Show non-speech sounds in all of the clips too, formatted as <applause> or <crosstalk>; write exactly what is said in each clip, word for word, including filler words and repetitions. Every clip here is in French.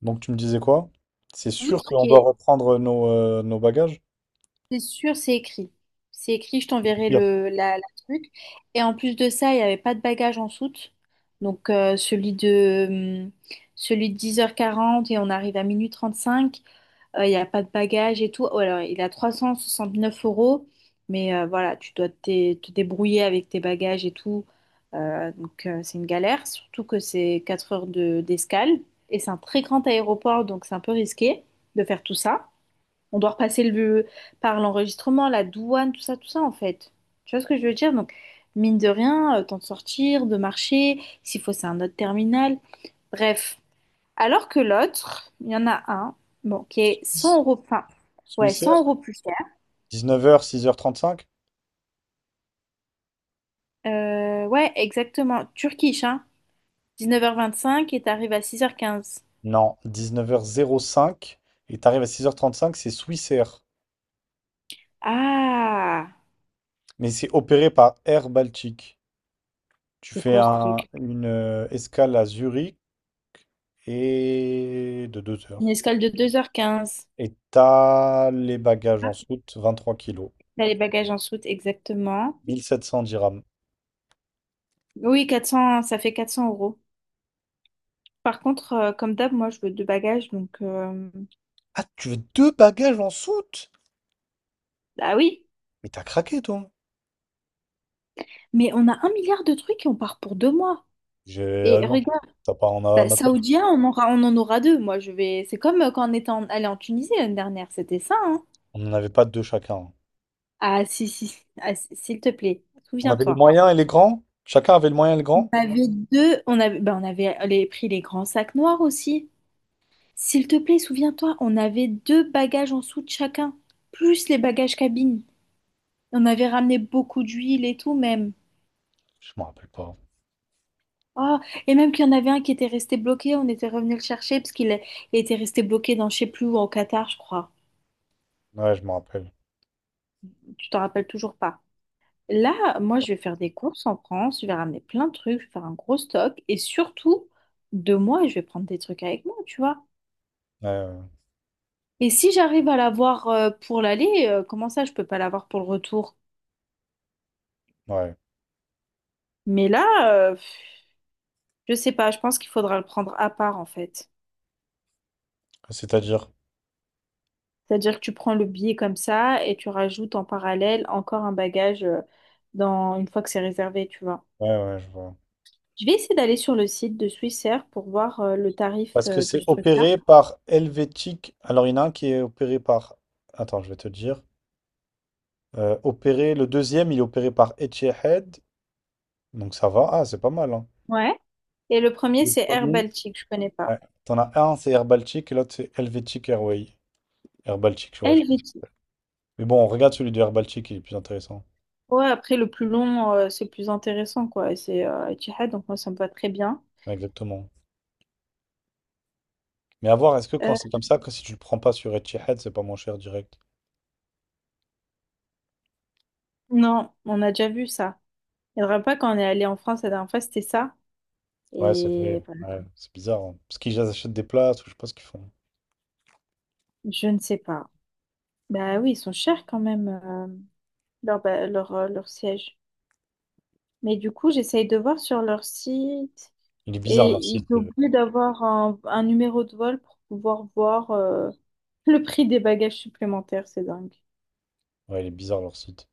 Donc tu me disais quoi? C'est sûr Outre qu'on qui doit est, reprendre nos, euh, nos bagages? c'est sûr, c'est écrit. C'est écrit, je t'enverrai Pire. le la, la truc. Et en plus de ça, il n'y avait pas de bagage en soute. Donc euh, celui de hum, celui de dix heures quarante et on arrive à minuit trente-cinq. Euh, il n'y a pas de bagage et tout. Oh, alors, il a trois cent soixante-neuf euros. Mais euh, voilà, tu dois te, te débrouiller avec tes bagages et tout. Euh, donc euh, c'est une galère, surtout que c'est quatre heures de- d'escale. Et c'est un très grand aéroport, donc c'est un peu risqué de faire tout ça. On doit repasser le, par l'enregistrement, la douane, tout ça, tout ça, en fait. Tu vois ce que je veux dire? Donc, mine de rien, euh, temps de sortir, de marcher, s'il faut, c'est un autre terminal. Bref. Alors que l'autre, il y en a un, bon, qui est cent euros, enfin, ouais, Swissair, cent euros plus cher. dix-neuf heures h six six heures trente-cinq? Euh, ouais, exactement. Turkish, hein. Dix-neuf heures vingt-cinq et t'arrives à six heures quinze. Non, dix-neuf heures zéro cinq. Et t'arrives à six heures trente-cinq, c'est Swissair. Ah, Mais c'est opéré par Air Baltique. Tu c'est fais quoi ce un- truc? une euh, escale à Zurich et de deux Une heures. escale de deux heures quinze. Et t'as les bagages en Ah, soute, vingt-trois kilos, t'as les bagages en soute, exactement. 1700 dirhams. Oui, quatre cents, ça fait quatre cents euros. Par contre, euh, comme d'hab, moi, je veux deux bagages, donc... euh, Ah, tu veux deux bagages en soute? Ah oui, Mais t'as craqué, toi. mais on a un milliard de trucs et on part pour deux mois. J'ai Et alors, regarde, t'as pas, on a, bah, on a pas. Saoudien, on aura, on en aura deux. Moi, je vais... C'est comme euh, quand on était en- allé en Tunisie l'année dernière, c'était ça, hein? On n'en avait pas deux chacun. Ah, si, si, si, ah, si- s'il te plaît, On avait les souviens-toi. moyens et les grands? Chacun avait le moyen et le On grand? avait deux... On avait, bah, on avait les- pris les grands sacs noirs aussi. S'il te plaît, souviens-toi, on avait deux bagages en dessous de chacun, plus les bagages cabine. On avait ramené beaucoup d'huile et tout, même. Je me rappelle pas. Ah, et même qu'il y en avait un qui était resté bloqué, on était revenu le chercher parce qu'il est- il était resté bloqué dans je sais plus où, au Qatar, je crois. Ouais, je me rappelle. Tu t'en rappelles toujours pas. Là, moi, je vais faire des courses en France, je vais ramener plein de trucs, je vais faire un gros stock et surtout, de moi, je vais prendre des trucs avec moi, tu vois. Ouais, Et si j'arrive à l'avoir euh, pour l'aller, euh, comment ça, je peux pas l'avoir pour le retour? ouais, ouais. Mais là, euh, pff, je sais pas, je pense qu'il faudra le prendre à part en fait. C'est-à-dire? C'est-à-dire que tu prends le billet comme ça et tu rajoutes en parallèle encore un bagage euh, dans une fois que c'est réservé, tu vois. Ouais, ouais, je vois. Je vais essayer d'aller sur le site de Swissair pour voir euh, le tarif Parce que euh, de c'est ce truc-là. opéré par Helvétique. Alors, il y en a un qui est opéré par. Attends, je vais te dire. Euh, opéré, le deuxième, il est opéré par Etihad. Donc, ça va. Ah, c'est pas mal, hein. Ouais. Et le premier, Le c'est Air premier. Baltic, je connais pas. Ouais. T'en as un, c'est Air Baltic, et l'autre, c'est Helvetic Airway. Air Baltic, je vois, je pense. Helvétie. Mais bon, on regarde celui de Air Baltic, il est plus intéressant. Ouais, après le plus long, euh, c'est le plus intéressant, quoi. Et c'est euh, Etihad, donc moi ça me va très bien. Ouais, exactement. Mais à voir, est-ce que quand Euh, c'est comme ça, que si tu le prends pas sur Etihad, c'est pas moins cher direct? non, on a déjà vu ça. Il ne faudra pas quand on est allé en France la dernière fois, c'était ça. Ouais, c'est vrai. Et voilà. Ouais, c'est bizarre. Hein. Parce qu'ils achètent des places, ou je sais pas ce qu'ils font. Je ne sais pas. Bah oui, ils sont chers quand même. euh. leur, ba- leur, euh, leur siège. Mais du coup, j'essaye de voir sur leur site Il est bizarre et leur ils site. euh. t'obligent d'avoir un, un numéro de vol pour pouvoir voir euh, le prix des bagages supplémentaires. C'est dingue. Ouais, il est bizarre leur site.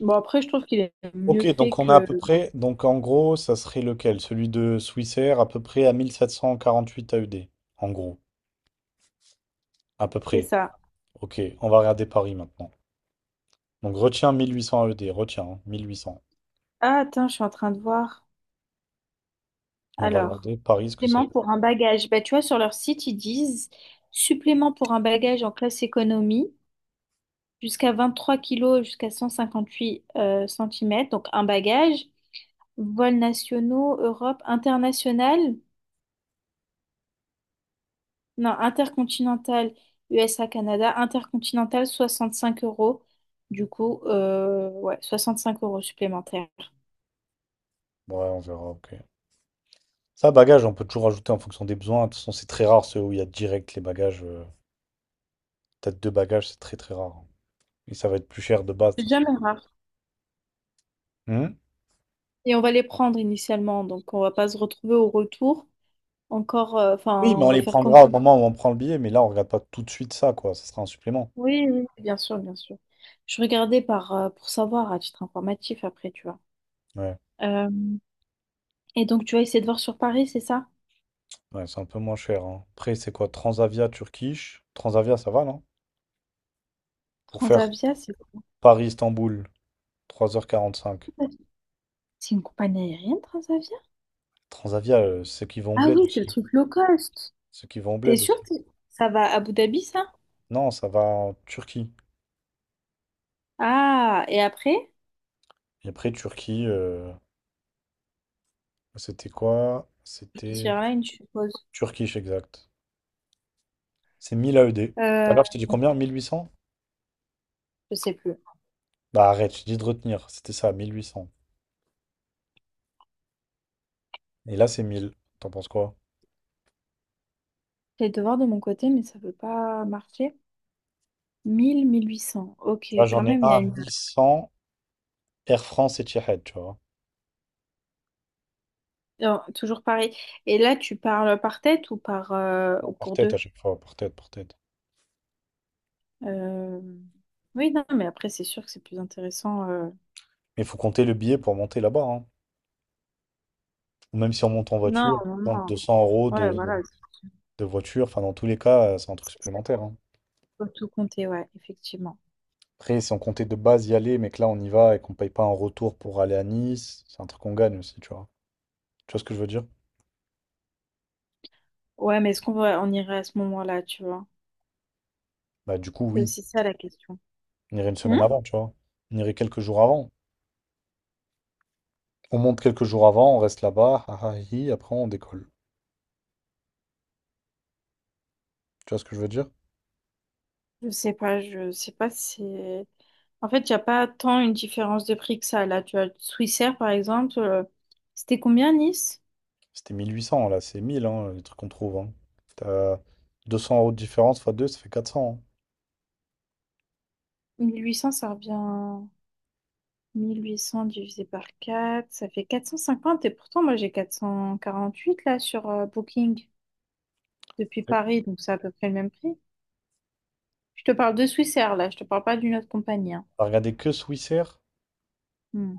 Bon, après, je trouve qu'il est Ok, mieux fait donc on a à que... peu près. Donc en gros, ça serait lequel? Celui de Swissair, à peu près à mille sept cent quarante-huit A E D. En gros. À peu C'est près. ça. Ok, on va regarder Paris maintenant. Donc retiens mille huit cents A E D, retiens, hein, mille huit cents. Ah, attends, je suis en train de voir. Et on va Alors, regarder Paris ce que ça supplément donne. pour un bagage. Bah, tu vois, sur leur site, ils disent supplément pour un bagage en classe économie jusqu'à vingt trois kilos, jusqu'à cent cinquante huit centimètres. Donc, un bagage. Vols nationaux, Europe, international, non, intercontinental, U S A, Canada, intercontinental, soixante cinq euros. Du coup, euh, ouais, cinq euros supplémentaires. Ouais, on verra, ok. Ça, bagage, on peut toujours ajouter en fonction des besoins. De toute façon, c'est très rare ceux où il y a direct les bagages. euh, T'as deux bagages, c'est très très rare. Et ça va être plus cher de base. De C'est toute façon. jamais rare. Hmm. Et on va les prendre initialement, donc on va pas se retrouver au retour. Encore, euh, Oui, enfin, mais on on va les faire prendra comment? au moment où on prend le billet, mais là, on regarde pas tout de suite ça, quoi. Ça sera un supplément. Oui, oui, bien sûr, bien sûr. Je regardais par, euh, pour savoir à titre informatif après, tu vois. Ouais, Euh, et donc, tu vas essayer de voir sur Paris, c'est ça? ouais, c'est un peu moins cher, hein. Après, c'est quoi? Transavia, Turkish. Transavia, ça va, non? Pour faire Transavia, c'est Paris Istanbul trois heures quarante-cinq. c'est une compagnie aérienne, Transavia? Transavia, euh, ceux qui vont au Ah bled oui, c'est le aussi. truc low cost. Ceux qui vont au T'es bled aussi. sûr que ça va à Abu Dhabi, ça? Non, ça va en Turquie. Ah, et après? Et après, Turquie, euh, c'était quoi? Qui C'était Airlines, je suppose. Turkish, exact. C'est mille A E D. Euh, Alors, je t'ai dit combien? Mille huit cents. je sais plus. Bah arrête, je dis de retenir. C'était ça, mille huit cents. Et là, c'est mille. T'en penses quoi? J'ai de voir de mon côté, mais ça veut pas marcher. Mille, mille huit cents. Ok, Tu vois, quand j'en ai même, un il y a à une... mille cent. Air France et Etihad, tu vois. Non, toujours pareil. Et là, tu parles par tête ou par euh, ou Par pour tête à deux? chaque fois, par tête, par tête. Euh, Oui, non, mais après, c'est sûr que c'est plus intéressant. euh, Mais il faut compter le billet pour monter là-bas. Hein. Ou même si on monte en Non, voiture, non, donc non. deux cents euros Ouais, de, voilà. de voiture. Enfin, dans tous les cas, euh, c'est un truc C'est- supplémentaire. Hein. Faut tout compter, ouais, effectivement. Après, si on comptait de base y aller, mais que là, on y va et qu'on paye pas un retour pour aller à Nice, c'est un truc qu'on gagne aussi, tu vois. Tu vois ce que je veux dire? Ouais, mais est-ce qu'on va... on irait à ce moment-là, tu vois? Bah du coup, C'est oui. aussi ça la question. On irait une Hmm. semaine avant, tu vois. On irait quelques jours avant. On monte quelques jours avant, on reste là-bas, ah ah, hi, après on décolle. Tu vois ce que je veux dire? Je sais pas, je sais pas si c'est... En fait, il n'y a pas tant une différence de prix que ça. Là, tu as Swissair, par exemple, euh, c'était combien Nice? C'était mille huit cents, là, c'est mille, hein, les trucs qu'on trouve. Hein. T'as deux cents euros de différence fois deux, ça fait quatre cents. Mille huit cents ça revient... Mille huit cents divisé par quatre ça fait quatre cent cinquante. Et pourtant, moi, j'ai quatre cent quarante-huit là sur euh, Booking depuis Hein. Ouais. Paris, donc c'est à peu près le même prix. Je te parle de Swissair, là, je te parle pas d'une autre compagnie. Hein. T'as regardé que Swissair? Hmm.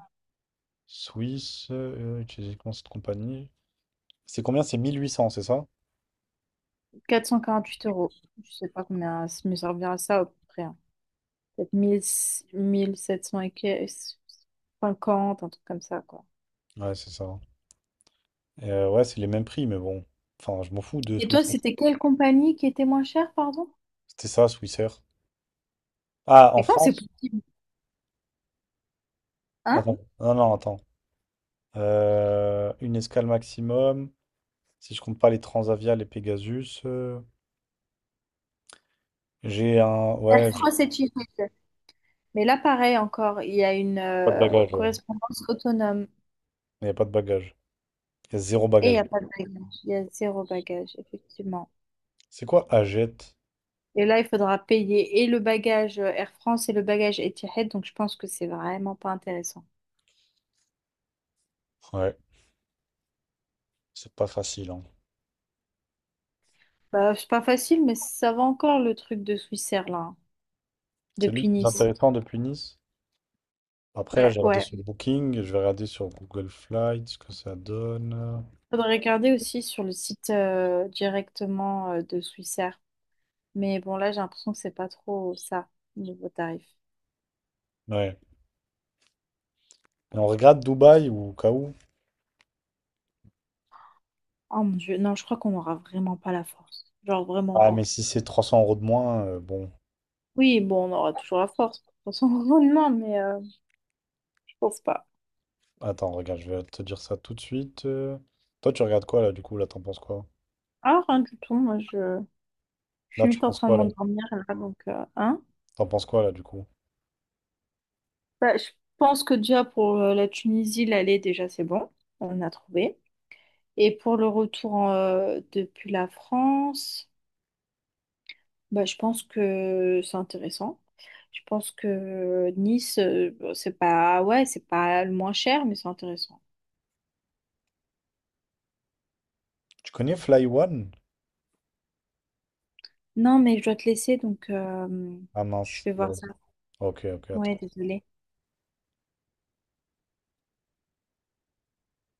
Swiss, euh, utiliser comment cette compagnie? C'est combien? C'est mille huit cents, c'est ça? Huit euros. Je sais pas combien ça me servira ça à peu près. Hein. Peut-être mille mille sept cents et que- cinquante, un truc comme ça, quoi. Ouais, c'est ça. Hein. Et, euh, ouais, c'est les mêmes prix, mais bon. Enfin, je m'en fous de Et toi, Swissair. c'était quelle compagnie qui était moins chère, pardon? C'était ça, Swissair. Ah, en Mais comment c'est France? possible? Hein? Attends, non, non, attends. Euh, une escale maximum, si je compte pas les Transavia, les Pegasus. euh, J'ai un. Ouais, Air j'ai France et Etihad. Mais là, pareil encore, il y a une pas de euh, bagage, ouais. correspondance autonome Il n'y a pas de bagage. Il y a zéro et il n'y bagage. a pas de bagage. Il y a zéro bagage, effectivement. C'est quoi Agette? Et là, il faudra payer et le bagage euh, Air France et le bagage Etihad, donc je pense que c'est vraiment pas intéressant. Ouais, c'est pas facile, hein. Bah, c'est pas facile, mais ça va encore le truc de Swissair, là, hein, C'est lui le depuis plus Nice. intéressant depuis Nice. Après, là, Ouais, j'ai regardé ouais. sur Booking, je vais regarder sur Google Flights ce que ça donne. Faudrait regarder aussi sur le site euh, directement euh, de Swissair. Mais bon, là, j'ai l'impression que c'est pas trop ça, niveau tarif. Ouais. Et on regarde Dubaï ou au cas où? Oh mon Dieu, non, je crois qu'on n'aura vraiment pas la force. Genre, vraiment Ah, mais pas. si c'est trois cents euros de moins, euh, bon. Oui, bon, on aura toujours la force, de toute façon, <laughs> non, mais euh, je pense pas. Attends, regarde, je vais te dire ça tout de suite. euh. Toi, tu regardes quoi, là, du coup? Là, t'en penses quoi? Ah, rien du tout, moi, je, je Là, suis tu vite en penses train de quoi, là? m'endormir, là, donc, euh, hein. T'en penses quoi, là, du coup? Bah, je pense que déjà, pour euh, la Tunisie, l'aller, déjà, c'est bon. On a trouvé. Et pour le retour en, euh, depuis la France... Bah, je pense que c'est intéressant. Je pense que Nice, euh, bon, c'est pas, ouais, c'est pas le moins cher, mais c'est intéressant. Tu connais Fly One? Non, mais je dois te laisser, donc euh, Ah je mince. vais voir ça. Ok, ok, attends. Ouais, désolée.